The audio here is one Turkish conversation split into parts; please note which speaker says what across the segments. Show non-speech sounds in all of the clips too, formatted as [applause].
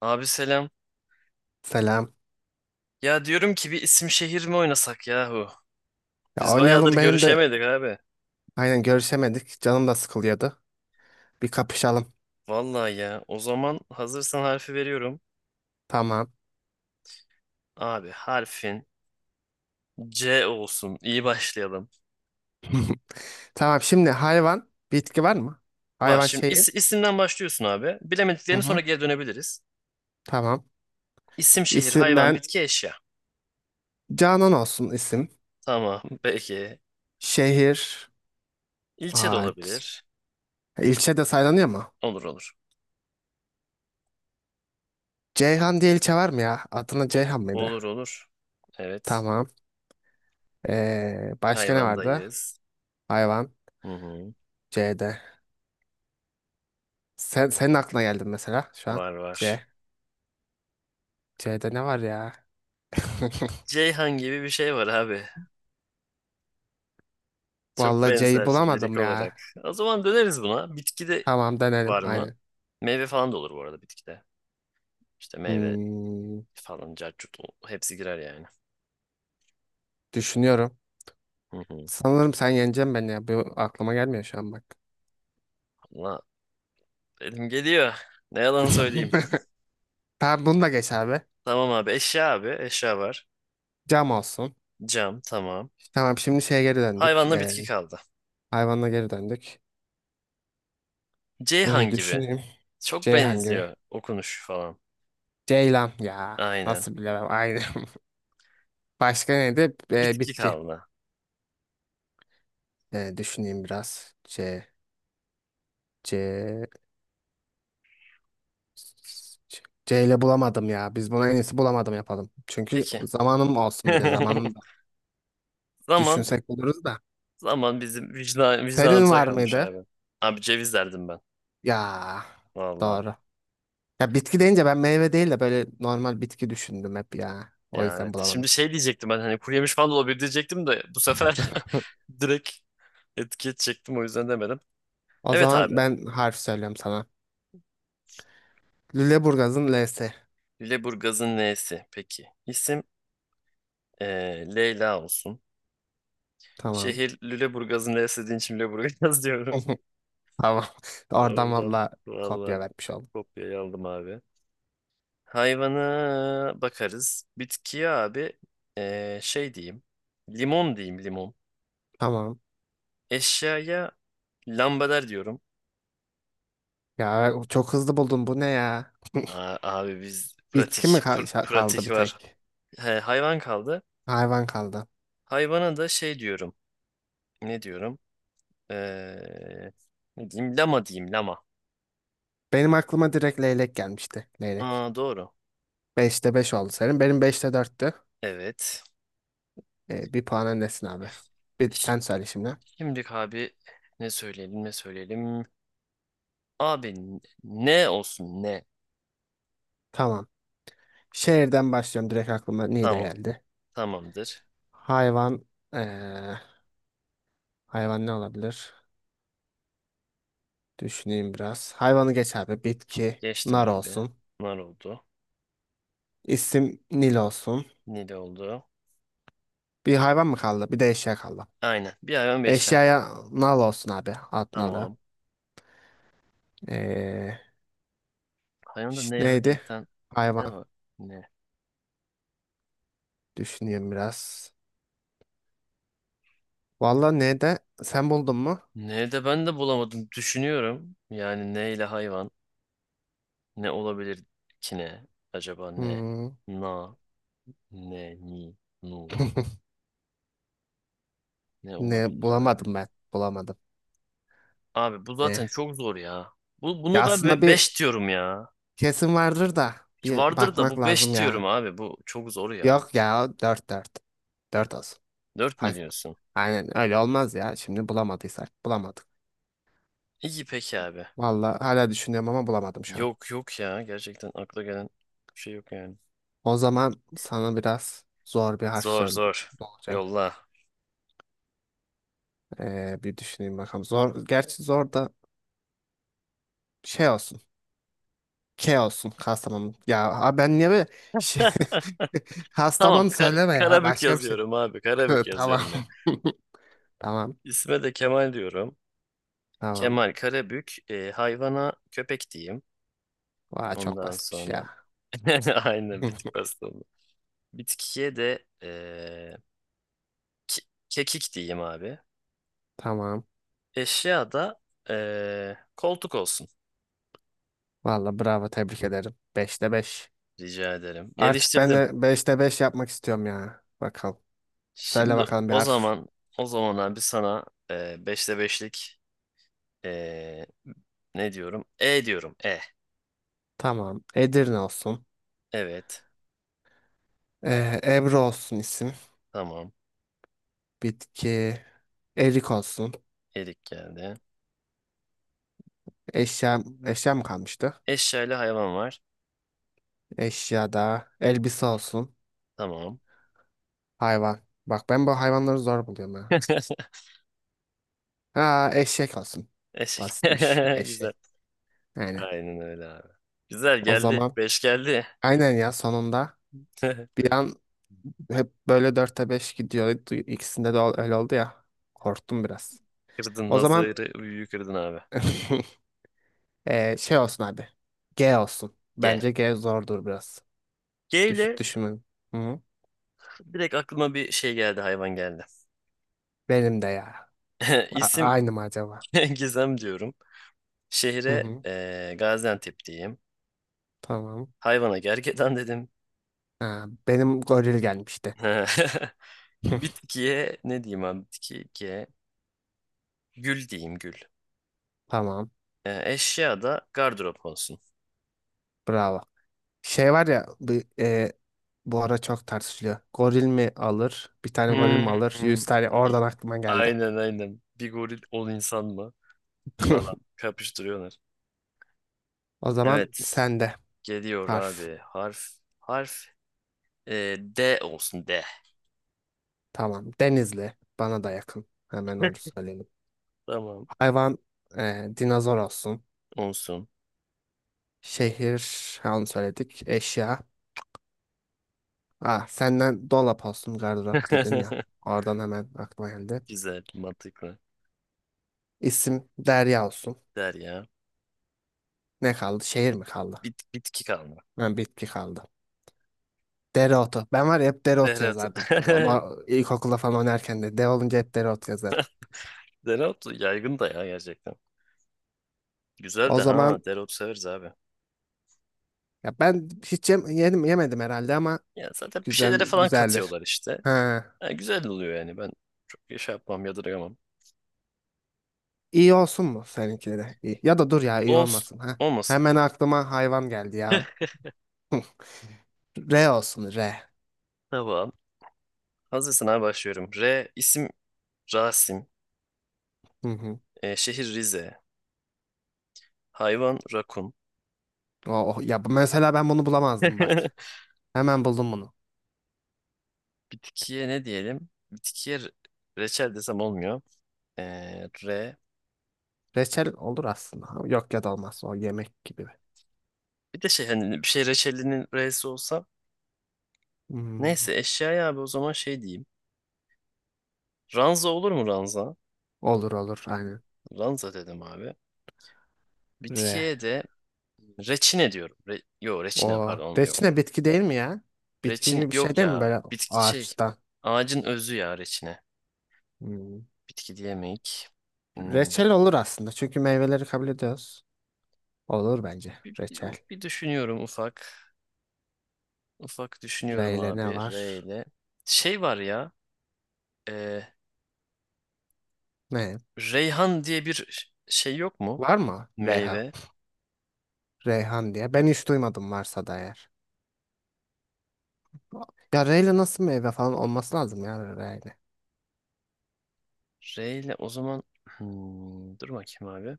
Speaker 1: Abi selam.
Speaker 2: Selam.
Speaker 1: Ya diyorum ki bir isim şehir mi oynasak yahu?
Speaker 2: Ya
Speaker 1: Biz bayağıdır
Speaker 2: oynayalım benim de
Speaker 1: görüşemedik abi.
Speaker 2: aynen görüşemedik. Canım da sıkılıyordu. Bir kapışalım.
Speaker 1: Vallahi ya. O zaman hazırsan harfi veriyorum.
Speaker 2: Tamam.
Speaker 1: Abi harfin C olsun. İyi başlayalım.
Speaker 2: [laughs] Tamam, şimdi hayvan bitki var mı?
Speaker 1: Var.
Speaker 2: Hayvan
Speaker 1: Şimdi
Speaker 2: şeyi.
Speaker 1: isimden başlıyorsun abi.
Speaker 2: Hı
Speaker 1: Bilemediklerini sonra
Speaker 2: hı.
Speaker 1: geri dönebiliriz.
Speaker 2: Tamam.
Speaker 1: İsim, şehir, hayvan,
Speaker 2: İsimden
Speaker 1: bitki, eşya.
Speaker 2: Canan olsun isim.
Speaker 1: Tamam. Peki.
Speaker 2: Şehir.
Speaker 1: İlçe de
Speaker 2: Ağaç.
Speaker 1: olabilir.
Speaker 2: E, ilçe de saylanıyor mu?
Speaker 1: Olur olur.
Speaker 2: Ceyhan diye ilçe var mı ya? Adına Ceyhan mıydı?
Speaker 1: Olur olur. Evet.
Speaker 2: Tamam. Başka ne vardı?
Speaker 1: Hayvandayız.
Speaker 2: Hayvan.
Speaker 1: Hı hı.
Speaker 2: C'de. Senin aklına geldi mesela şu an.
Speaker 1: Var var.
Speaker 2: C. C'de ne var ya? [laughs]
Speaker 1: Ceyhan gibi bir şey var abi. Çok
Speaker 2: Vallahi C'yi
Speaker 1: benzer lirik
Speaker 2: bulamadım
Speaker 1: olarak.
Speaker 2: ya.
Speaker 1: O zaman döneriz buna. Bitki de
Speaker 2: Tamam, denelim.
Speaker 1: var mı?
Speaker 2: Aynen.
Speaker 1: Meyve falan da olur bu arada bitkide. İşte meyve
Speaker 2: Hmm,
Speaker 1: falan, caccut hepsi girer yani.
Speaker 2: Düşünüyorum.
Speaker 1: Hı hı.
Speaker 2: Sanırım sen yeneceksin beni ya. Bu aklıma gelmiyor şu an bak.
Speaker 1: Valla elim geliyor. Ne yalan söyleyeyim.
Speaker 2: [laughs] Tamam, bunu da geç abi.
Speaker 1: Tamam abi eşya abi. Eşya var.
Speaker 2: Cam olsun.
Speaker 1: Cam tamam.
Speaker 2: Tamam, şimdi şeye geri döndük.
Speaker 1: Hayvanla bitki kaldı.
Speaker 2: Hayvanla geri döndük.
Speaker 1: Ceyhan gibi.
Speaker 2: Düşüneyim.
Speaker 1: Çok
Speaker 2: Ceyhan gibi.
Speaker 1: benziyor okunuş falan.
Speaker 2: Ceylan ya.
Speaker 1: Aynen.
Speaker 2: Nasıl bilemem. Aynen. [laughs] Başka neydi?
Speaker 1: Bitki
Speaker 2: Bitki.
Speaker 1: kaldı.
Speaker 2: Düşüneyim biraz. C. C. C ile bulamadım ya. Biz buna en iyisi bulamadım yapalım. Çünkü
Speaker 1: Peki.
Speaker 2: zamanım olsun bir de. Zamanında
Speaker 1: [laughs] Zaman
Speaker 2: düşünsek buluruz da.
Speaker 1: zaman bizim vicdan,
Speaker 2: Senin
Speaker 1: vicdanımıza
Speaker 2: var
Speaker 1: kalmış
Speaker 2: mıydı?
Speaker 1: abi. Abi ceviz derdim ben.
Speaker 2: Ya,
Speaker 1: Vallahi.
Speaker 2: doğru. Ya, bitki deyince ben meyve değil de böyle normal bitki düşündüm hep ya. O
Speaker 1: Ya
Speaker 2: yüzden
Speaker 1: evet.
Speaker 2: bulamadım.
Speaker 1: Şimdi şey diyecektim ben hani kuru yemiş falan da olabilir diyecektim de bu sefer
Speaker 2: [laughs]
Speaker 1: [laughs] direkt etiket çektim o yüzden demedim.
Speaker 2: O
Speaker 1: Evet abi.
Speaker 2: zaman ben harf söylüyorum sana. Lüleburgaz'ın L'si.
Speaker 1: Lüleburgaz'ın L'si. Peki. İsim Leyla olsun.
Speaker 2: Tamam.
Speaker 1: Şehir Lüleburgaz'ın L'si dediğin için Lüleburgaz [laughs] diyorum.
Speaker 2: [laughs] Tamam. [laughs] Oradan
Speaker 1: Oradan
Speaker 2: valla
Speaker 1: vallahi
Speaker 2: kopya vermiş oldum.
Speaker 1: kopyayı aldım abi. Hayvana bakarız. Bitkiye abi şey diyeyim. Limon diyeyim limon.
Speaker 2: Tamam.
Speaker 1: Eşyaya lambader diyorum.
Speaker 2: Ya, çok hızlı buldum. Bu ne ya?
Speaker 1: Aa, abi biz pratik
Speaker 2: Bitki mi
Speaker 1: pr-
Speaker 2: kaldı
Speaker 1: pratik
Speaker 2: bir
Speaker 1: var.
Speaker 2: tek?
Speaker 1: He, hayvan kaldı.
Speaker 2: Hayvan kaldı.
Speaker 1: Hayvana da şey diyorum. Ne diyorum? Ee, ne diyeyim? Lama diyeyim lama.
Speaker 2: Benim aklıma direkt leylek gelmişti. Leylek.
Speaker 1: Aa, doğru.
Speaker 2: Beşte 5 oldu senin. Benim beşte 4'tü.
Speaker 1: Evet.
Speaker 2: Bir puan öndesin abi. Bir sen söyle şimdi.
Speaker 1: Şimdi abi ne söyleyelim ne söyleyelim. Abi ne olsun ne?
Speaker 2: Tamam. Şehirden başlıyorum. Direkt aklıma ne
Speaker 1: Tamam.
Speaker 2: geldi.
Speaker 1: Tamamdır.
Speaker 2: Hayvan. eee, Hayvan ne olabilir? Düşüneyim biraz. Hayvanı geç abi. Bitki.
Speaker 1: Geçtim
Speaker 2: Nar
Speaker 1: abi.
Speaker 2: olsun.
Speaker 1: Nar oldu.
Speaker 2: İsim Nil olsun.
Speaker 1: Nil oldu.
Speaker 2: Bir hayvan mı kaldı? Bir de eşya kaldı.
Speaker 1: Aynen. Bir hayvan beş can kaldı.
Speaker 2: Eşyaya nal olsun abi. At nalı.
Speaker 1: Tamam.
Speaker 2: Eee,
Speaker 1: Hayvanda neyi hak
Speaker 2: Neydi?
Speaker 1: eden ne
Speaker 2: Hayvan.
Speaker 1: var? Ne?
Speaker 2: Düşüneyim biraz. Valla ne de? Sen buldun mu?
Speaker 1: Ne de ben de bulamadım. Düşünüyorum. Yani ne ile hayvan. Ne olabilir ki ne? Acaba ne?
Speaker 2: Hmm.
Speaker 1: Na, ne, ni, nu.
Speaker 2: [laughs]
Speaker 1: Ne
Speaker 2: Ne
Speaker 1: olabilir abi?
Speaker 2: bulamadım ben. Bulamadım.
Speaker 1: Abi bu zaten
Speaker 2: Ne?
Speaker 1: çok zor ya. Bu,
Speaker 2: Ya,
Speaker 1: bunu
Speaker 2: aslında
Speaker 1: ben
Speaker 2: bir...
Speaker 1: 5 diyorum ya.
Speaker 2: Kesin vardır da
Speaker 1: Ki
Speaker 2: bir
Speaker 1: vardır da
Speaker 2: bakmak
Speaker 1: bu
Speaker 2: lazım
Speaker 1: 5 diyorum
Speaker 2: ya.
Speaker 1: abi. Bu çok zor ya.
Speaker 2: Yok ya, o dört dört. Dört olsun.
Speaker 1: Dört mü
Speaker 2: hak
Speaker 1: diyorsun?
Speaker 2: Aynen öyle olmaz ya. Şimdi bulamadıysak bulamadık.
Speaker 1: İyi peki abi.
Speaker 2: Vallahi hala düşünüyorum ama bulamadım şu an.
Speaker 1: Yok yok ya. Gerçekten akla gelen bir şey yok yani.
Speaker 2: O zaman sana biraz zor bir harf
Speaker 1: Zor zor.
Speaker 2: söyleyeceğim.
Speaker 1: Yolla.
Speaker 2: Bir düşüneyim bakalım. Zor, gerçi zor da şey olsun. K olsun, Kastamonu. Ya abi ben niye böyle şey... [laughs]
Speaker 1: Tamam
Speaker 2: Kastamonu söyleme ya.
Speaker 1: Karabük
Speaker 2: Başka bir şey.
Speaker 1: yazıyorum abi. Karabük
Speaker 2: [laughs] Tamam.
Speaker 1: yazıyorum ya.
Speaker 2: [laughs] Tamam.
Speaker 1: İsme de Kemal diyorum.
Speaker 2: Tamam.
Speaker 1: Kemal Karabük. Hayvana köpek diyeyim.
Speaker 2: Vay, çok
Speaker 1: Ondan
Speaker 2: basitmiş
Speaker 1: sonra
Speaker 2: ya.
Speaker 1: [laughs] aynen bitik
Speaker 2: [laughs]
Speaker 1: pasta oldu. Bitkiye de ke- kekik diyeyim abi.
Speaker 2: Tamam.
Speaker 1: Eşya da koltuk olsun.
Speaker 2: Valla bravo, tebrik ederim. Beşte 5.
Speaker 1: Rica ederim.
Speaker 2: Artık ben
Speaker 1: Geliştirdim.
Speaker 2: de beşte 5 yapmak istiyorum ya. Bakalım. Söyle
Speaker 1: Şimdi
Speaker 2: bakalım bir
Speaker 1: o
Speaker 2: harf.
Speaker 1: zaman o zaman abi sana beşte beşlik eee, ne diyorum? E diyorum. E.
Speaker 2: Tamam. Edirne olsun.
Speaker 1: Evet.
Speaker 2: Ebru olsun isim.
Speaker 1: Tamam.
Speaker 2: Bitki. Erik olsun.
Speaker 1: Erik geldi.
Speaker 2: Eşya, Eşya mı kalmıştı?
Speaker 1: Eşya ile hayvan var.
Speaker 2: Eşya da. Elbise olsun.
Speaker 1: Tamam.
Speaker 2: Hayvan. Bak ben bu hayvanları zor buluyorum ha.
Speaker 1: [laughs]
Speaker 2: Ha, eşek olsun.
Speaker 1: Eşek.
Speaker 2: Basitmiş.
Speaker 1: [laughs] Güzel.
Speaker 2: Eşek. Aynen.
Speaker 1: Aynen öyle abi. Güzel
Speaker 2: O
Speaker 1: geldi.
Speaker 2: zaman
Speaker 1: Beş geldi.
Speaker 2: aynen ya sonunda...
Speaker 1: [laughs]
Speaker 2: Bir an hep böyle dörtte beş gidiyor. İkisinde de öyle oldu ya. Korktum biraz.
Speaker 1: Kırdın
Speaker 2: O zaman
Speaker 1: nazarı, büyüyü kırdın abi.
Speaker 2: [laughs] şey olsun abi. G olsun.
Speaker 1: G.
Speaker 2: Bence G zordur biraz.
Speaker 1: G ile
Speaker 2: Düşünün. Hı.
Speaker 1: direkt aklıma bir şey geldi, hayvan geldi.
Speaker 2: Benim de ya.
Speaker 1: [laughs] İsim
Speaker 2: Aynı mı acaba?
Speaker 1: [laughs] Gizem diyorum.
Speaker 2: Hı
Speaker 1: Şehre
Speaker 2: hı.
Speaker 1: Gaziantep diyeyim.
Speaker 2: Tamam.
Speaker 1: Hayvana gergedan dedim.
Speaker 2: Ha, benim goril gelmişti.
Speaker 1: [laughs]
Speaker 2: [laughs]
Speaker 1: Bitkiye ne diyeyim abi? Bitki G. Gül diyeyim gül.
Speaker 2: Tamam.
Speaker 1: Eşya da gardırop olsun.
Speaker 2: Bravo. Şey var ya e, bu ara çok tartışılıyor. Goril mi alır? Bir tane goril mi
Speaker 1: Hmm.
Speaker 2: alır? Yüz tane. Oradan aklıma geldi.
Speaker 1: Aynen aynen. Bir goril 10 insan mı? Falan
Speaker 2: [laughs]
Speaker 1: kapıştırıyorlar.
Speaker 2: O zaman
Speaker 1: Evet.
Speaker 2: sende
Speaker 1: Geliyor
Speaker 2: harf.
Speaker 1: abi. Harf. Harf D olsun D.
Speaker 2: Tamam. Denizli. Bana da yakın. Hemen onu söyleyelim.
Speaker 1: Tamam.
Speaker 2: Hayvan dinozor olsun.
Speaker 1: Olsun.
Speaker 2: Şehir ha, onu söyledik. Eşya. Ah, senden dolap olsun, gardırop dedin ya.
Speaker 1: [laughs]
Speaker 2: Oradan hemen aklıma geldi.
Speaker 1: Güzel, mantıklı.
Speaker 2: İsim Derya olsun.
Speaker 1: Der ya.
Speaker 2: Ne kaldı? Şehir mi kaldı?
Speaker 1: Bitki kalma.
Speaker 2: Ha, bitki kaldı. Dereotu. Ben var ya hep dereotu
Speaker 1: Dereotu.
Speaker 2: yazardım.
Speaker 1: [laughs]
Speaker 2: Ama ilkokulda falan oynarken de de olunca hep dereotu yazarım.
Speaker 1: Dereotu yaygın da ya gerçekten. Güzel
Speaker 2: O
Speaker 1: de ha.
Speaker 2: zaman
Speaker 1: Dereotu severiz abi.
Speaker 2: ya ben hiç yedim, yemedim herhalde ama
Speaker 1: Ya zaten bir
Speaker 2: güzel
Speaker 1: şeylere falan
Speaker 2: güzeldir.
Speaker 1: katıyorlar işte.
Speaker 2: Ha.
Speaker 1: Ha, güzel oluyor yani. Ben çok şey yapmam, yadırgamam.
Speaker 2: İyi olsun mu seninkileri? İyi. Ya da dur ya, iyi
Speaker 1: Olsun.
Speaker 2: olmasın ha.
Speaker 1: Olmasın.
Speaker 2: Hemen aklıma hayvan geldi ya. R olsun, R.
Speaker 1: Tamam. Hazırsın abi başlıyorum. R isim Rasim.
Speaker 2: Hı hı.
Speaker 1: Şehir Rize. Hayvan rakun.
Speaker 2: Oh, ya mesela ben bunu bulamazdım bak.
Speaker 1: [laughs]
Speaker 2: Hemen buldum bunu.
Speaker 1: Bitkiye ne diyelim? Bitkiye reçel desem olmuyor. Re.
Speaker 2: Reçel olur aslında. Ha, yok ya da olmaz. O yemek gibi.
Speaker 1: Bir de şey hani bir şey reçelinin re'si olsa.
Speaker 2: Hmm.
Speaker 1: Neyse eşyaya abi o zaman şey diyeyim. Ranza olur mu ranza?
Speaker 2: Olur olur aynen.
Speaker 1: Ranza dedim abi.
Speaker 2: R.
Speaker 1: Bitkiye de reçine diyorum. Re yo reçine
Speaker 2: O
Speaker 1: pardon yok.
Speaker 2: reçine bitki değil mi ya? Bitki
Speaker 1: Reçin
Speaker 2: gibi bir şey
Speaker 1: yok
Speaker 2: değil mi
Speaker 1: ya.
Speaker 2: böyle
Speaker 1: Bitki şey.
Speaker 2: ağaçtan?
Speaker 1: Ağacın özü ya reçine.
Speaker 2: Hmm.
Speaker 1: Bitki diyemeyik. Hmm.
Speaker 2: Reçel olur aslında. Çünkü meyveleri kabul ediyoruz. Olur bence.
Speaker 1: Bir, bir,
Speaker 2: Reçel.
Speaker 1: bir düşünüyorum ufak. Ufak
Speaker 2: R
Speaker 1: düşünüyorum
Speaker 2: ile ne
Speaker 1: abi. R
Speaker 2: var?
Speaker 1: ile. Şey var ya. E,
Speaker 2: Ne?
Speaker 1: Reyhan diye bir şey yok mu?
Speaker 2: Var mı? RH.
Speaker 1: Meyve.
Speaker 2: Reyhan diye. Ben hiç duymadım varsa da eğer. Ya R nasıl meyve falan olması lazım ya R.
Speaker 1: Reyle o zaman. Dur bakayım abi.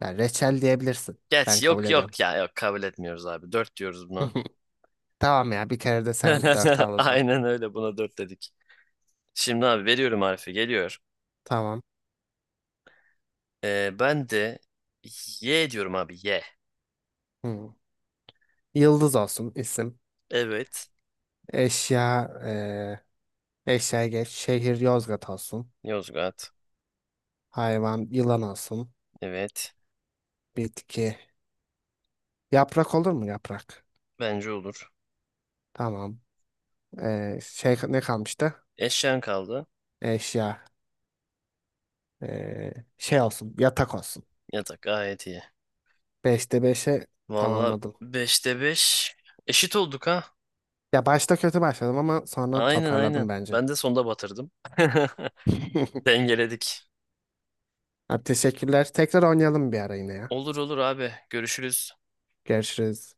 Speaker 2: Ya reçel diyebilirsin. Ben
Speaker 1: Geç
Speaker 2: kabul
Speaker 1: yok
Speaker 2: ediyorum.
Speaker 1: yok ya yok kabul etmiyoruz abi. Dört diyoruz buna.
Speaker 2: [laughs] Tamam ya, bir kere de sen dört al
Speaker 1: [laughs]
Speaker 2: o zaman.
Speaker 1: Aynen öyle buna dört dedik. Şimdi abi veriyorum harfi geliyor.
Speaker 2: Tamam.
Speaker 1: Ben de Y diyorum abi Y.
Speaker 2: Hmm. Yıldız olsun isim.
Speaker 1: Evet.
Speaker 2: Eşya eee eşya geç. Şehir Yozgat olsun.
Speaker 1: Yozgat.
Speaker 2: Hayvan yılan olsun.
Speaker 1: Evet.
Speaker 2: Bitki. Yaprak olur mu yaprak?
Speaker 1: Bence olur.
Speaker 2: Tamam. Şey ne kalmıştı?
Speaker 1: Eşyan kaldı.
Speaker 2: Eşya. Şey olsun, yatak olsun.
Speaker 1: Yatak gayet iyi.
Speaker 2: Beşte beşe
Speaker 1: Valla
Speaker 2: tamamladım.
Speaker 1: beşte 5 eşit olduk ha.
Speaker 2: Ya başta kötü başladım ama sonra
Speaker 1: Aynen aynen.
Speaker 2: toparladım bence.
Speaker 1: Ben de sonda batırdım. [laughs]
Speaker 2: [laughs]
Speaker 1: Dengeledik.
Speaker 2: Ha, teşekkürler. Tekrar oynayalım bir ara yine ya.
Speaker 1: Olur olur abi. Görüşürüz.
Speaker 2: Görüşürüz.